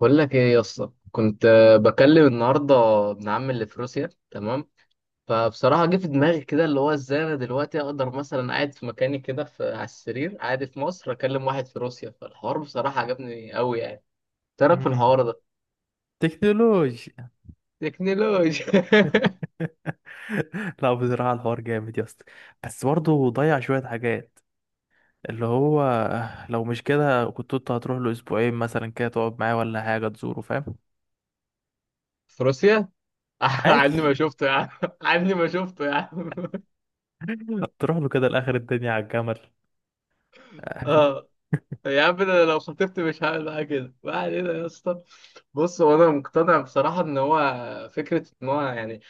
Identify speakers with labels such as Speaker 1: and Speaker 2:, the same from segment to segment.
Speaker 1: بقول لك ايه يا اسطى، كنت بكلم النهارده ابن عمي اللي في روسيا. تمام، فبصراحه جه في دماغي كده، اللي هو ازاي انا دلوقتي اقدر مثلا قاعد في مكاني كده في على السرير، قاعد في مصر اكلم واحد في روسيا. فالحوار بصراحه عجبني قوي يعني، تعرف في
Speaker 2: مم.
Speaker 1: الحوار ده
Speaker 2: تكنولوجيا.
Speaker 1: تكنولوجيا.
Speaker 2: لا، بصراحة الحوار جامد يا اسطى. بس برضه ضيع شوية حاجات. اللي هو لو مش كده كنت انت هتروح له اسبوعين مثلا كده، تقعد معاه ولا حاجة، تزوره، فاهم؟
Speaker 1: في روسيا. عني ما
Speaker 2: عادي.
Speaker 1: شفته يا عم. عني ما شفته يا عم.
Speaker 2: تروح له كده لاخر الدنيا على الجمل.
Speaker 1: اه يا عم، انا لو خطبت مش هعمل معاه كده. ما علينا يا اسطى. بص، هو انا مقتنع بصراحه ان هو فكره ان هو يعني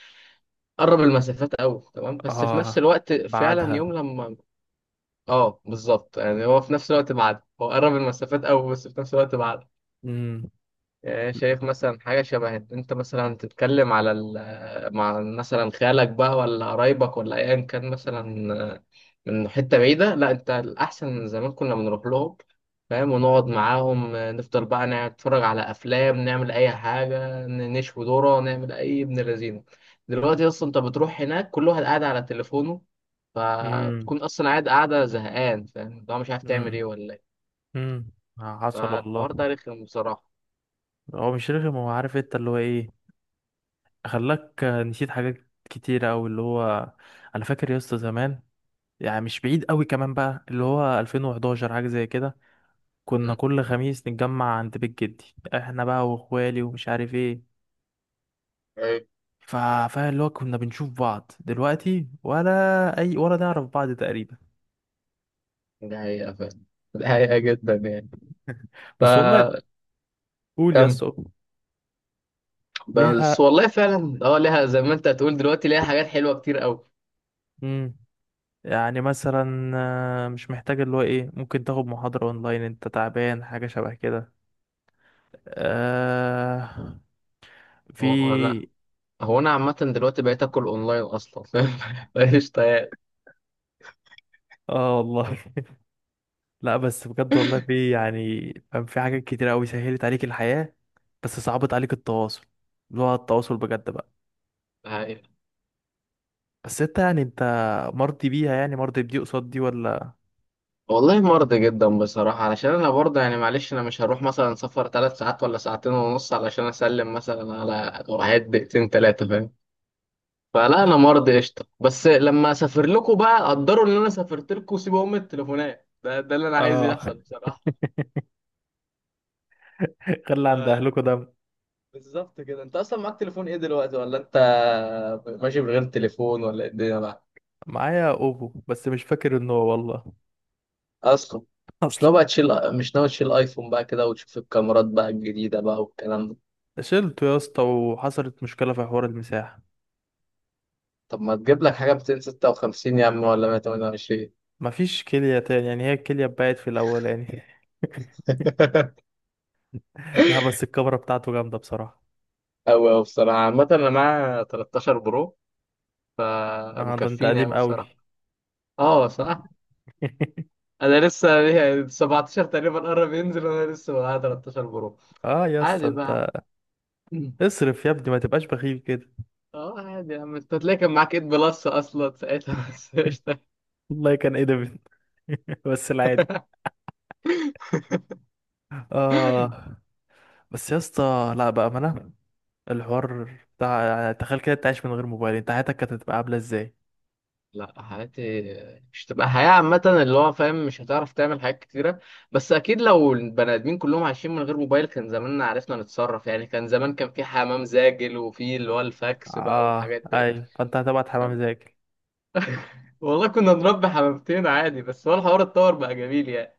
Speaker 1: قرب المسافات قوي، تمام. بس في نفس
Speaker 2: اه،
Speaker 1: الوقت فعلا
Speaker 2: بعدها.
Speaker 1: يوم لما، اه بالظبط، يعني هو في نفس الوقت بعد. هو قرب المسافات قوي، بس في نفس الوقت بعد.
Speaker 2: امم
Speaker 1: يعني شايف مثلا حاجة شبه، انت مثلا تتكلم على مع مثلا خالك بقى ولا قرايبك ولا ايا كان مثلا، من حتة بعيدة. لا، انت الأحسن زمان كنا بنروح لهم، فاهم؟ ونقعد معاهم، نفضل بقى نتفرج على أفلام، نعمل أي حاجة، نشوي ذرة، نعمل أي ابن لذينة. دلوقتي أصلا انت بتروح هناك كل واحد قاعد على تليفونه،
Speaker 2: امم
Speaker 1: فبتكون أصلا قاعدة زهقان، فاهم؟ اللي هو مش عارف تعمل
Speaker 2: امم
Speaker 1: ايه ولا ايه.
Speaker 2: امم حصل
Speaker 1: فالحوار
Speaker 2: والله.
Speaker 1: ده رخم بصراحة.
Speaker 2: هو مش رخم، هو عارف انت اللي هو ايه. خلاك نسيت حاجات كتيرة أوي، اللي هو انا فاكر يا اسطى زمان، يعني مش بعيد قوي كمان، بقى اللي هو 2011 حاجة زي كده. كنا
Speaker 1: مم.
Speaker 2: كل خميس نتجمع عند بيت جدي. احنا بقى واخوالي ومش عارف ايه. فاهم اللي هو كنا بنشوف بعض دلوقتي، ولا اي، ولا نعرف بعض تقريبا.
Speaker 1: دي حقيقة فعلا. دي حقيقة جدا يعني.
Speaker 2: بس والله،
Speaker 1: فكم.
Speaker 2: قول يا اسطى. ليه
Speaker 1: بس
Speaker 2: حق.
Speaker 1: والله فعلا، اه، ليها زي ما انت هتقول دلوقتي ليها حاجات حلوة كتير قوي.
Speaker 2: امم يعني مثلا، مش محتاج اللي هو ايه، ممكن تاخد محاضرة اونلاين انت تعبان، حاجة شبه كده. آه، في.
Speaker 1: هو هو انا هو انا عامة دلوقتي بقيت اكل اونلاين اصلا، فاهم؟ مفيش، طيب.
Speaker 2: اه والله. لا، بس بجد والله في يعني، فاهم، في حاجات كتير قوي سهلت عليك الحياة. بس صعبت عليك التواصل، اللي هو التواصل بجد بقى.
Speaker 1: حقيقة.
Speaker 2: بس انت، يعني انت مرضي بيها؟ يعني مرضي بدي قصاد دي، ولا؟
Speaker 1: والله مرضي جدا بصراحة، علشان انا برضه يعني معلش، انا مش هروح مثلا سفر ثلاث ساعات ولا ساعتين ونص علشان اسلم مثلا على واحد دقيقتين ثلاثة، فاهم؟ فلا، انا مرضي قشطة. بس لما اسافر لكم بقى قدروا ان انا سافرت لكم وسيبوا ام التليفونات ده. ده اللي انا عايز
Speaker 2: اه.
Speaker 1: يحصل بصراحة.
Speaker 2: خلي عند
Speaker 1: ف-
Speaker 2: اهلكوا ده.
Speaker 1: بالظبط كده. انت اصلا معاك تليفون ايه دلوقتي، ولا انت ماشي من غير تليفون، ولا ايه الدنيا بقى؟
Speaker 2: معايا اوبو بس مش فاكر ان هو والله.
Speaker 1: اصلا مش
Speaker 2: اصلا.
Speaker 1: ناوي بقى تشيل مش ناوي تشيل ايفون بقى كده، وتشوف الكاميرات بقى الجديدة بقى والكلام ده؟
Speaker 2: شلته يا اسطى وحصلت مشكلة في حوار المساحة.
Speaker 1: طب ما تجيب لك حاجة 256 يا عم، ولا 128؟
Speaker 2: مفيش كلية تاني، يعني هي الكلية اتبقت في الاولاني. لا، بس الكاميرا بتاعته جامدة بصراحة.
Speaker 1: أوي أوي بصراحة. عامة أنا معايا 13 برو،
Speaker 2: اه ده انت
Speaker 1: فمكفيني
Speaker 2: قديم
Speaker 1: أوي
Speaker 2: قوي.
Speaker 1: بصراحة. أه صح. أنا لسه يعني 17 تقريبا قرب ينزل، وأنا لسه معايا 13 برو.
Speaker 2: اه يا اسطى
Speaker 1: عادي
Speaker 2: انت،
Speaker 1: بقى. عادي.
Speaker 2: اصرف يا ابني، ما تبقاش بخيل كده.
Speaker 1: اه عادي يا عم، انت هتلاقي كان معاك 8 بلس اصلا ساعتها، بس قشطة.
Speaker 2: والله كان ايه ده بنت. بس العادي. اه. بس يا اسطى لا بقى، ما انا الحوار بتاع، يعني تخيل كده انت عايش من غير موبايل، انت حياتك كانت هتبقى عامله ازاي؟
Speaker 1: لا، حياتي مش تبقى حياة عامة، اللي هو فاهم مش هتعرف تعمل حاجات كتيرة. بس أكيد لو البني آدمين كلهم عايشين من غير موبايل كان زماننا عرفنا نتصرف يعني. كان زمان كان في حمام زاجل، وفي اللي هو الفاكس بقى،
Speaker 2: اه
Speaker 1: والحاجات ديت،
Speaker 2: ايوه، فانت هتبعت حمام
Speaker 1: فاهم؟
Speaker 2: زاكل.
Speaker 1: والله كنا نربي حمامتين عادي. بس هو الحوار اتطور بقى جميل يعني.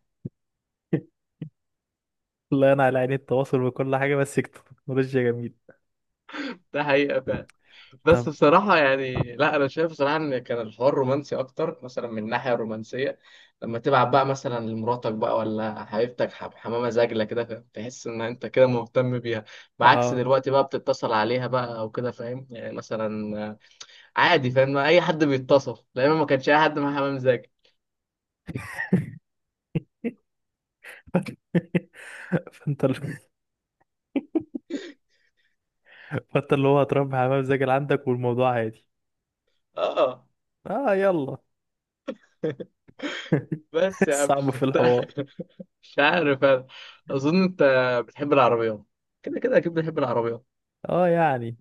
Speaker 2: والله انا على عيني التواصل وكل حاجه، بس تكنولوجيا جميل.
Speaker 1: ده حقيقة. بس
Speaker 2: طب.
Speaker 1: بصراحة يعني، لا، أنا شايف بصراحة إن كان الحوار رومانسي أكتر، مثلا من الناحية الرومانسية، لما تبعت بقى مثلا لمراتك بقى ولا حبيبتك حمامة زاجلة كده، فاهم؟ تحس إن أنت كده مهتم بيها، بعكس
Speaker 2: اه.
Speaker 1: دلوقتي بقى بتتصل عليها بقى أو كده، فاهم؟ يعني مثلا عادي، فاهم؟ أي حد بيتصل، لأن ما كانش أي حد مع حمام زاجل.
Speaker 2: فانت ال- فانت اللي هو هتربي حمام زاكل عندك، والموضوع عادي.
Speaker 1: آه.
Speaker 2: اه يلا.
Speaker 1: بس يا عم،
Speaker 2: صعب في الحوار.
Speaker 1: مش عارف أنا. أظن أنت بتحب العربيات، كده كده أكيد بتحب العربيات
Speaker 2: اه يعني،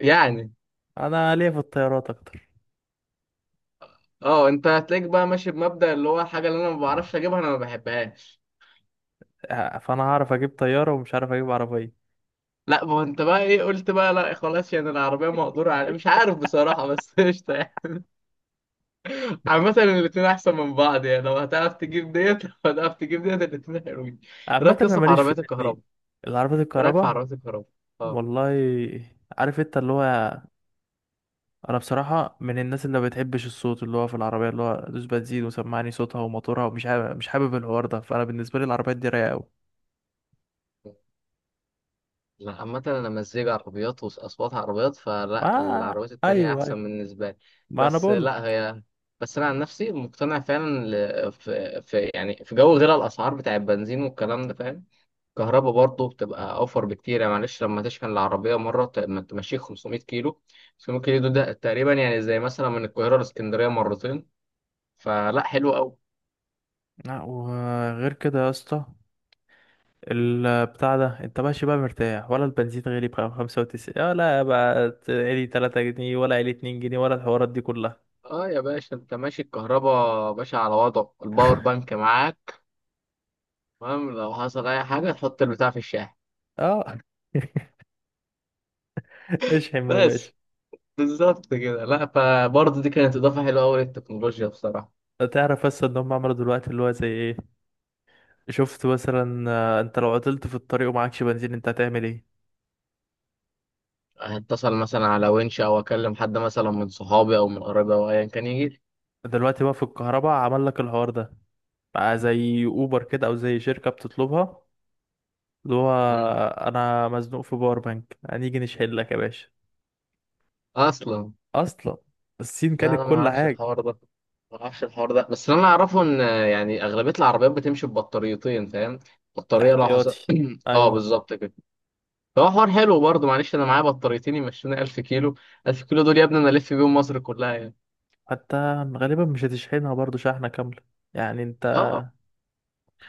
Speaker 1: يعني.
Speaker 2: انا ليا في الطيارات.
Speaker 1: اه، انت هتلاقيك بقى ماشي بمبدأ اللي هو الحاجة اللي انا ما بعرفش اجيبها انا ما بحبهاش.
Speaker 2: آه، فانا هعرف اجيب طياره ومش عارف اجيب عربيه.
Speaker 1: لا، ما هو انت بقى ايه قلت بقى، لا خلاص يعني العربية مقدورة على، مش عارف بصراحة بس، قشطة يعني. عامة الاتنين احسن من بعض يعني، لو هتعرف تجيب ديت، لو هتعرف تجيب ديت الاتنين حلوين. ايه
Speaker 2: عامه
Speaker 1: رأيك
Speaker 2: انا
Speaker 1: قصة في
Speaker 2: ماليش في
Speaker 1: عربيات
Speaker 2: الاتنين.
Speaker 1: الكهرباء
Speaker 2: العربيات
Speaker 1: ايه رأيك في
Speaker 2: الكهرباء؟
Speaker 1: عربيات الكهرباء؟ اه.
Speaker 2: والله، عارف انت اللي هو، انا بصراحه من الناس اللي ما بتحبش الصوت، اللي هو في العربيه اللي هو دوس بنزين وسمعني صوتها وموتورها، ومش حابب، مش حابب الحوار ده، فانا بالنسبه لي العربيات دي رايقه قوي.
Speaker 1: لا، عامة أنا مزيج عربيات وأصوات عربيات،
Speaker 2: ما
Speaker 1: فلا العربيات التانية
Speaker 2: ايوه ايوه،
Speaker 1: أحسن بالنسبة لي.
Speaker 2: ما انا
Speaker 1: بس
Speaker 2: بقول
Speaker 1: لا
Speaker 2: لك.
Speaker 1: هي، بس أنا عن نفسي مقتنع فعلا. في يعني في جو غير الأسعار بتاع البنزين والكلام ده، فاهم؟ الكهرباء برضه بتبقى أوفر بكتير يعني، معلش، لما تشحن العربية مرة ما تمشيك 500 كيلو. 500 كيلو ده تقريبا يعني زي مثلا من القاهرة لإسكندرية مرتين، فلا حلو أوي.
Speaker 2: لا وغير كده يا اسطى، البتاع ده انت ماشي بقى مرتاح، ولا البنزين غالي بقى 95، ولا بقى علي 3 جنيه، ولا علي 2 جنيه، ولا الحوارات دي كلها.
Speaker 1: اه يا باشا، انت ماشي الكهرباء باشا على وضعه، الباور بانك معاك، تمام. لو حصل اي حاجه تحط البتاع في الشاحن،
Speaker 2: اه. اشحن يا
Speaker 1: بس.
Speaker 2: باشا.
Speaker 1: بالظبط كده. لا، فبرضه دي كانت اضافه حلوه قوي للتكنولوجيا بصراحه.
Speaker 2: تعرف بس ان هم عملوا دلوقتي اللي هو زي ايه؟ شفت مثلا، انت لو عطلت في الطريق ومعكش بنزين، انت هتعمل ايه؟
Speaker 1: هتصل مثلا على ونش، او اكلم حد مثلا من صحابي او من قرايبي او ايا كان يجي لي.
Speaker 2: دلوقتي بقى في الكهرباء عمل لك الحوار ده، بقى زي اوبر كده، او زي شركة بتطلبها. اللي هو
Speaker 1: مم.
Speaker 2: انا مزنوق في باور بانك، هنيجي نشحن لك يا باشا.
Speaker 1: اصلا.
Speaker 2: اصلا. الصين
Speaker 1: لا
Speaker 2: كانت
Speaker 1: انا ما
Speaker 2: كل
Speaker 1: اعرفش
Speaker 2: حاجة.
Speaker 1: الحوار ده. ما اعرفش الحوار ده، بس اللي انا اعرفه ان يعني اغلبيه العربيات بتمشي ببطاريتين، فاهم؟ بطاريه لو حصل،
Speaker 2: احتياطي،
Speaker 1: اه
Speaker 2: ايوه.
Speaker 1: بالظبط كده. فهو حوار حلو برضه. معلش، انا معايا بطاريتين يمشوني 1000 كيلو. 1000 كيلو دول يا ابني انا الف بيهم مصر كلها يعني.
Speaker 2: حتى غالبا مش هتشحنها برضو شحنة كاملة، يعني انت،
Speaker 1: اه.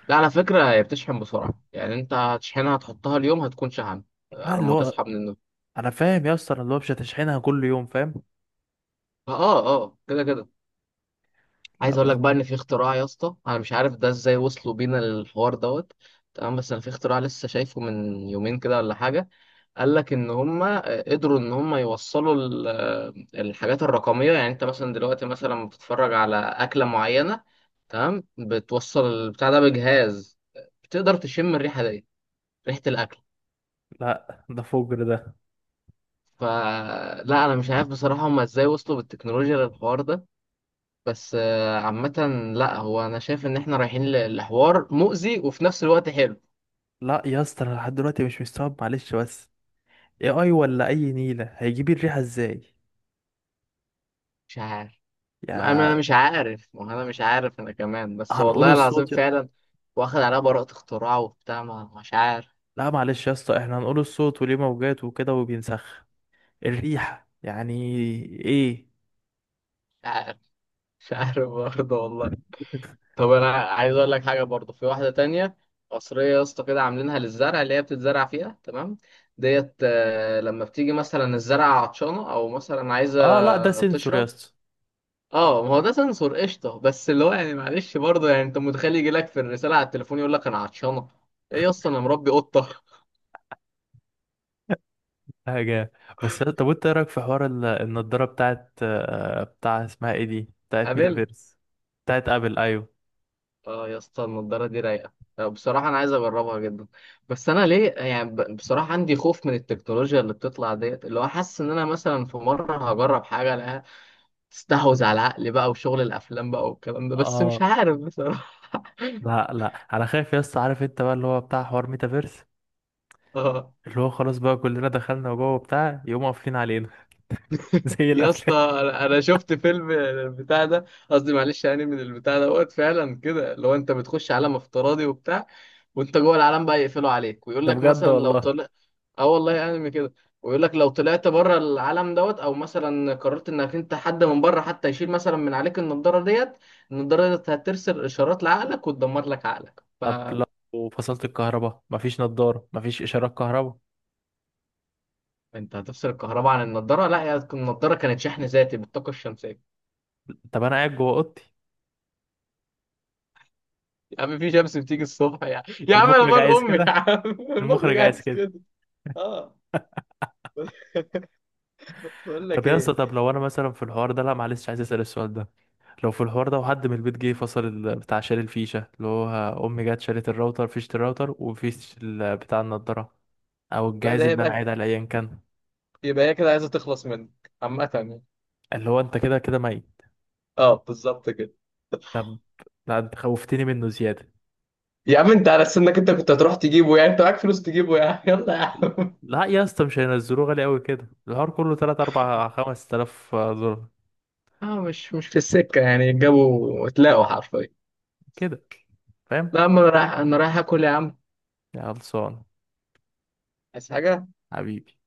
Speaker 1: لا على فكرة هي بتشحن بسرعة يعني، انت هتشحنها تحطها اليوم هتكون شحنت
Speaker 2: اللي
Speaker 1: لما
Speaker 2: هو
Speaker 1: تصحى من النوم.
Speaker 2: انا فاهم يا اسطى، اللي هو مش هتشحنها كل يوم، فاهم.
Speaker 1: اه، اه كده كده. عايز اقول
Speaker 2: لا
Speaker 1: لك بقى ان في اختراع يا اسطى، انا مش عارف ده ازاي وصلوا بينا للحوار دوت، تمام. بس انا في اختراع لسه شايفه من يومين كده ولا حاجة. قال لك ان هم قدروا ان هم يوصلوا الحاجات الرقمية. يعني انت مثلا دلوقتي مثلا لما بتتفرج على اكلة معينة، تمام، بتوصل البتاع ده بجهاز، بتقدر تشم الريحة دي، ريحة الاكل.
Speaker 2: لا، ده فجر ده.
Speaker 1: فلا انا مش عارف بصراحه هما ازاي وصلوا بالتكنولوجيا للحوار ده، بس عامه، لا، هو انا شايف ان احنا رايحين لحوار مؤذي وفي نفس الوقت حلو.
Speaker 2: لا يا اسطى، انا لحد دلوقتي مش مستوعب معلش بس، اي اي، ولا اي نيله هيجيب الريحه ازاي؟
Speaker 1: مش عارف. ما انا
Speaker 2: يا
Speaker 1: مش عارف ما انا مش عارف انا كمان، بس
Speaker 2: هنقول
Speaker 1: والله العظيم
Speaker 2: الصوت
Speaker 1: فعلا. واخد عليها براءة اختراع وبتاع، مش عارف.
Speaker 2: لا معلش يا اسطى، احنا هنقول الصوت وليه موجات وكده وبينسخ الريحه، يعني ايه؟
Speaker 1: مش عارف. مش عارف برضه والله. طب انا عايز اقول لك حاجه برضو، في واحده تانية، قصريه يا اسطى كده عاملينها للزرع اللي هي بتتزرع فيها، تمام. ديت، لما بتيجي مثلا الزرعه عطشانه او مثلا
Speaker 2: اه، لا ده
Speaker 1: عايزه
Speaker 2: سنسور يا
Speaker 1: تشرب.
Speaker 2: اسطى.
Speaker 1: اه ما هو ده سنسور قشطه، بس اللي هو يعني، معلش برضه يعني انت متخيل يجي لك في الرساله على التليفون يقول لك انا عطشانه؟ ايه يا اسطى انا مربي قطه.
Speaker 2: حاجه. طب وانت ايه رايك في حوار النضاره بتاعت، آه، بتاع اسمها ايه دي، بتاعت ميتافيرس، بتاعت ابل، ايوه.
Speaker 1: اه يا اسطى النضاره دي رايقه. بصراحه انا عايز اجربها جدا، بس انا ليه يعني بصراحه عندي خوف من التكنولوجيا اللي بتطلع ديت. اللي هو حاسس ان انا مثلا في مره هجرب حاجه الاقيها تستحوذ على العقل بقى، وشغل الافلام بقى والكلام ده، بس مش
Speaker 2: اه.
Speaker 1: عارف بصراحه.
Speaker 2: لا لا، انا خايف يا اسطى، عارف انت بقى اللي هو بتاع حوار ميتافيرس،
Speaker 1: اه
Speaker 2: اللي هو خلاص بقى كلنا دخلنا جوه بتاع، يقوموا قافلين علينا. زي
Speaker 1: يا اسطى،
Speaker 2: الافلام.
Speaker 1: انا شفت فيلم البتاع ده. قصدي معلش يعني من البتاع دوت، فعلا كده لو انت بتخش عالم افتراضي وبتاع، وانت جوه العالم بقى يقفلوا عليك ويقول
Speaker 2: ده
Speaker 1: لك
Speaker 2: بجد
Speaker 1: مثلا لو
Speaker 2: والله.
Speaker 1: طلع، اه والله انمي كده. ويقول لك لو طلعت بره العالم دوت، او مثلا قررت انك انت حد من بره حتى يشيل مثلا من عليك النضاره ديت، النضاره ديت هترسل اشارات لعقلك وتدمر لك عقلك.
Speaker 2: طب
Speaker 1: فانت
Speaker 2: لو فصلت الكهرباء، مفيش نضارة، مفيش اشارات كهرباء.
Speaker 1: هتفصل الكهرباء عن النضاره؟ لا، هي النضاره كانت شحن ذاتي بالطاقه الشمسيه.
Speaker 2: طب انا قاعد جوه اوضتي.
Speaker 1: يا عم في شمس بتيجي الصبح يا عم. يا عم انا
Speaker 2: المخرج
Speaker 1: مال
Speaker 2: عايز
Speaker 1: امي يا
Speaker 2: كده،
Speaker 1: عم. المخرج
Speaker 2: المخرج عايز
Speaker 1: عايز
Speaker 2: كده.
Speaker 1: كده. اه. بقول
Speaker 2: طب
Speaker 1: لك
Speaker 2: يا اسطى،
Speaker 1: ايه.
Speaker 2: طب لو انا مثلا في الحوار ده، لا معلش عايز اسال السؤال ده. لو في الحوار ده وحد من البيت جه فصل بتاع، شال الفيشه، اللي هو امي جت شالت الراوتر، فيشه الراوتر وفيش بتاع النضاره، او
Speaker 1: لا
Speaker 2: الجهاز
Speaker 1: ده
Speaker 2: اللي انا قاعد
Speaker 1: يبقى،
Speaker 2: عليه ايا كان.
Speaker 1: يبقى هي كده عايزه تخلص منك، عامه يعني.
Speaker 2: اللي هو انت كده كده ميت.
Speaker 1: اه بالظبط كده.
Speaker 2: طب. لا انت خوفتني منه زياده.
Speaker 1: يا عم انت على سنك انت كنت هتروح تجيبه يعني؟ انت معاك فلوس تجيبه يا عم. يلا يا عم.
Speaker 2: لا يا اسطى، مش هينزلوه غالي قوي كده، الحوار كله 3 4 5000 دولار
Speaker 1: اه، مش في السكه يعني، جابوا وتلاقوا حرفيا.
Speaker 2: كده، فاهم؟
Speaker 1: لا، اما انا رايح اكل يا عم.
Speaker 2: يا خلصان
Speaker 1: عايز حاجه.
Speaker 2: حبيبي.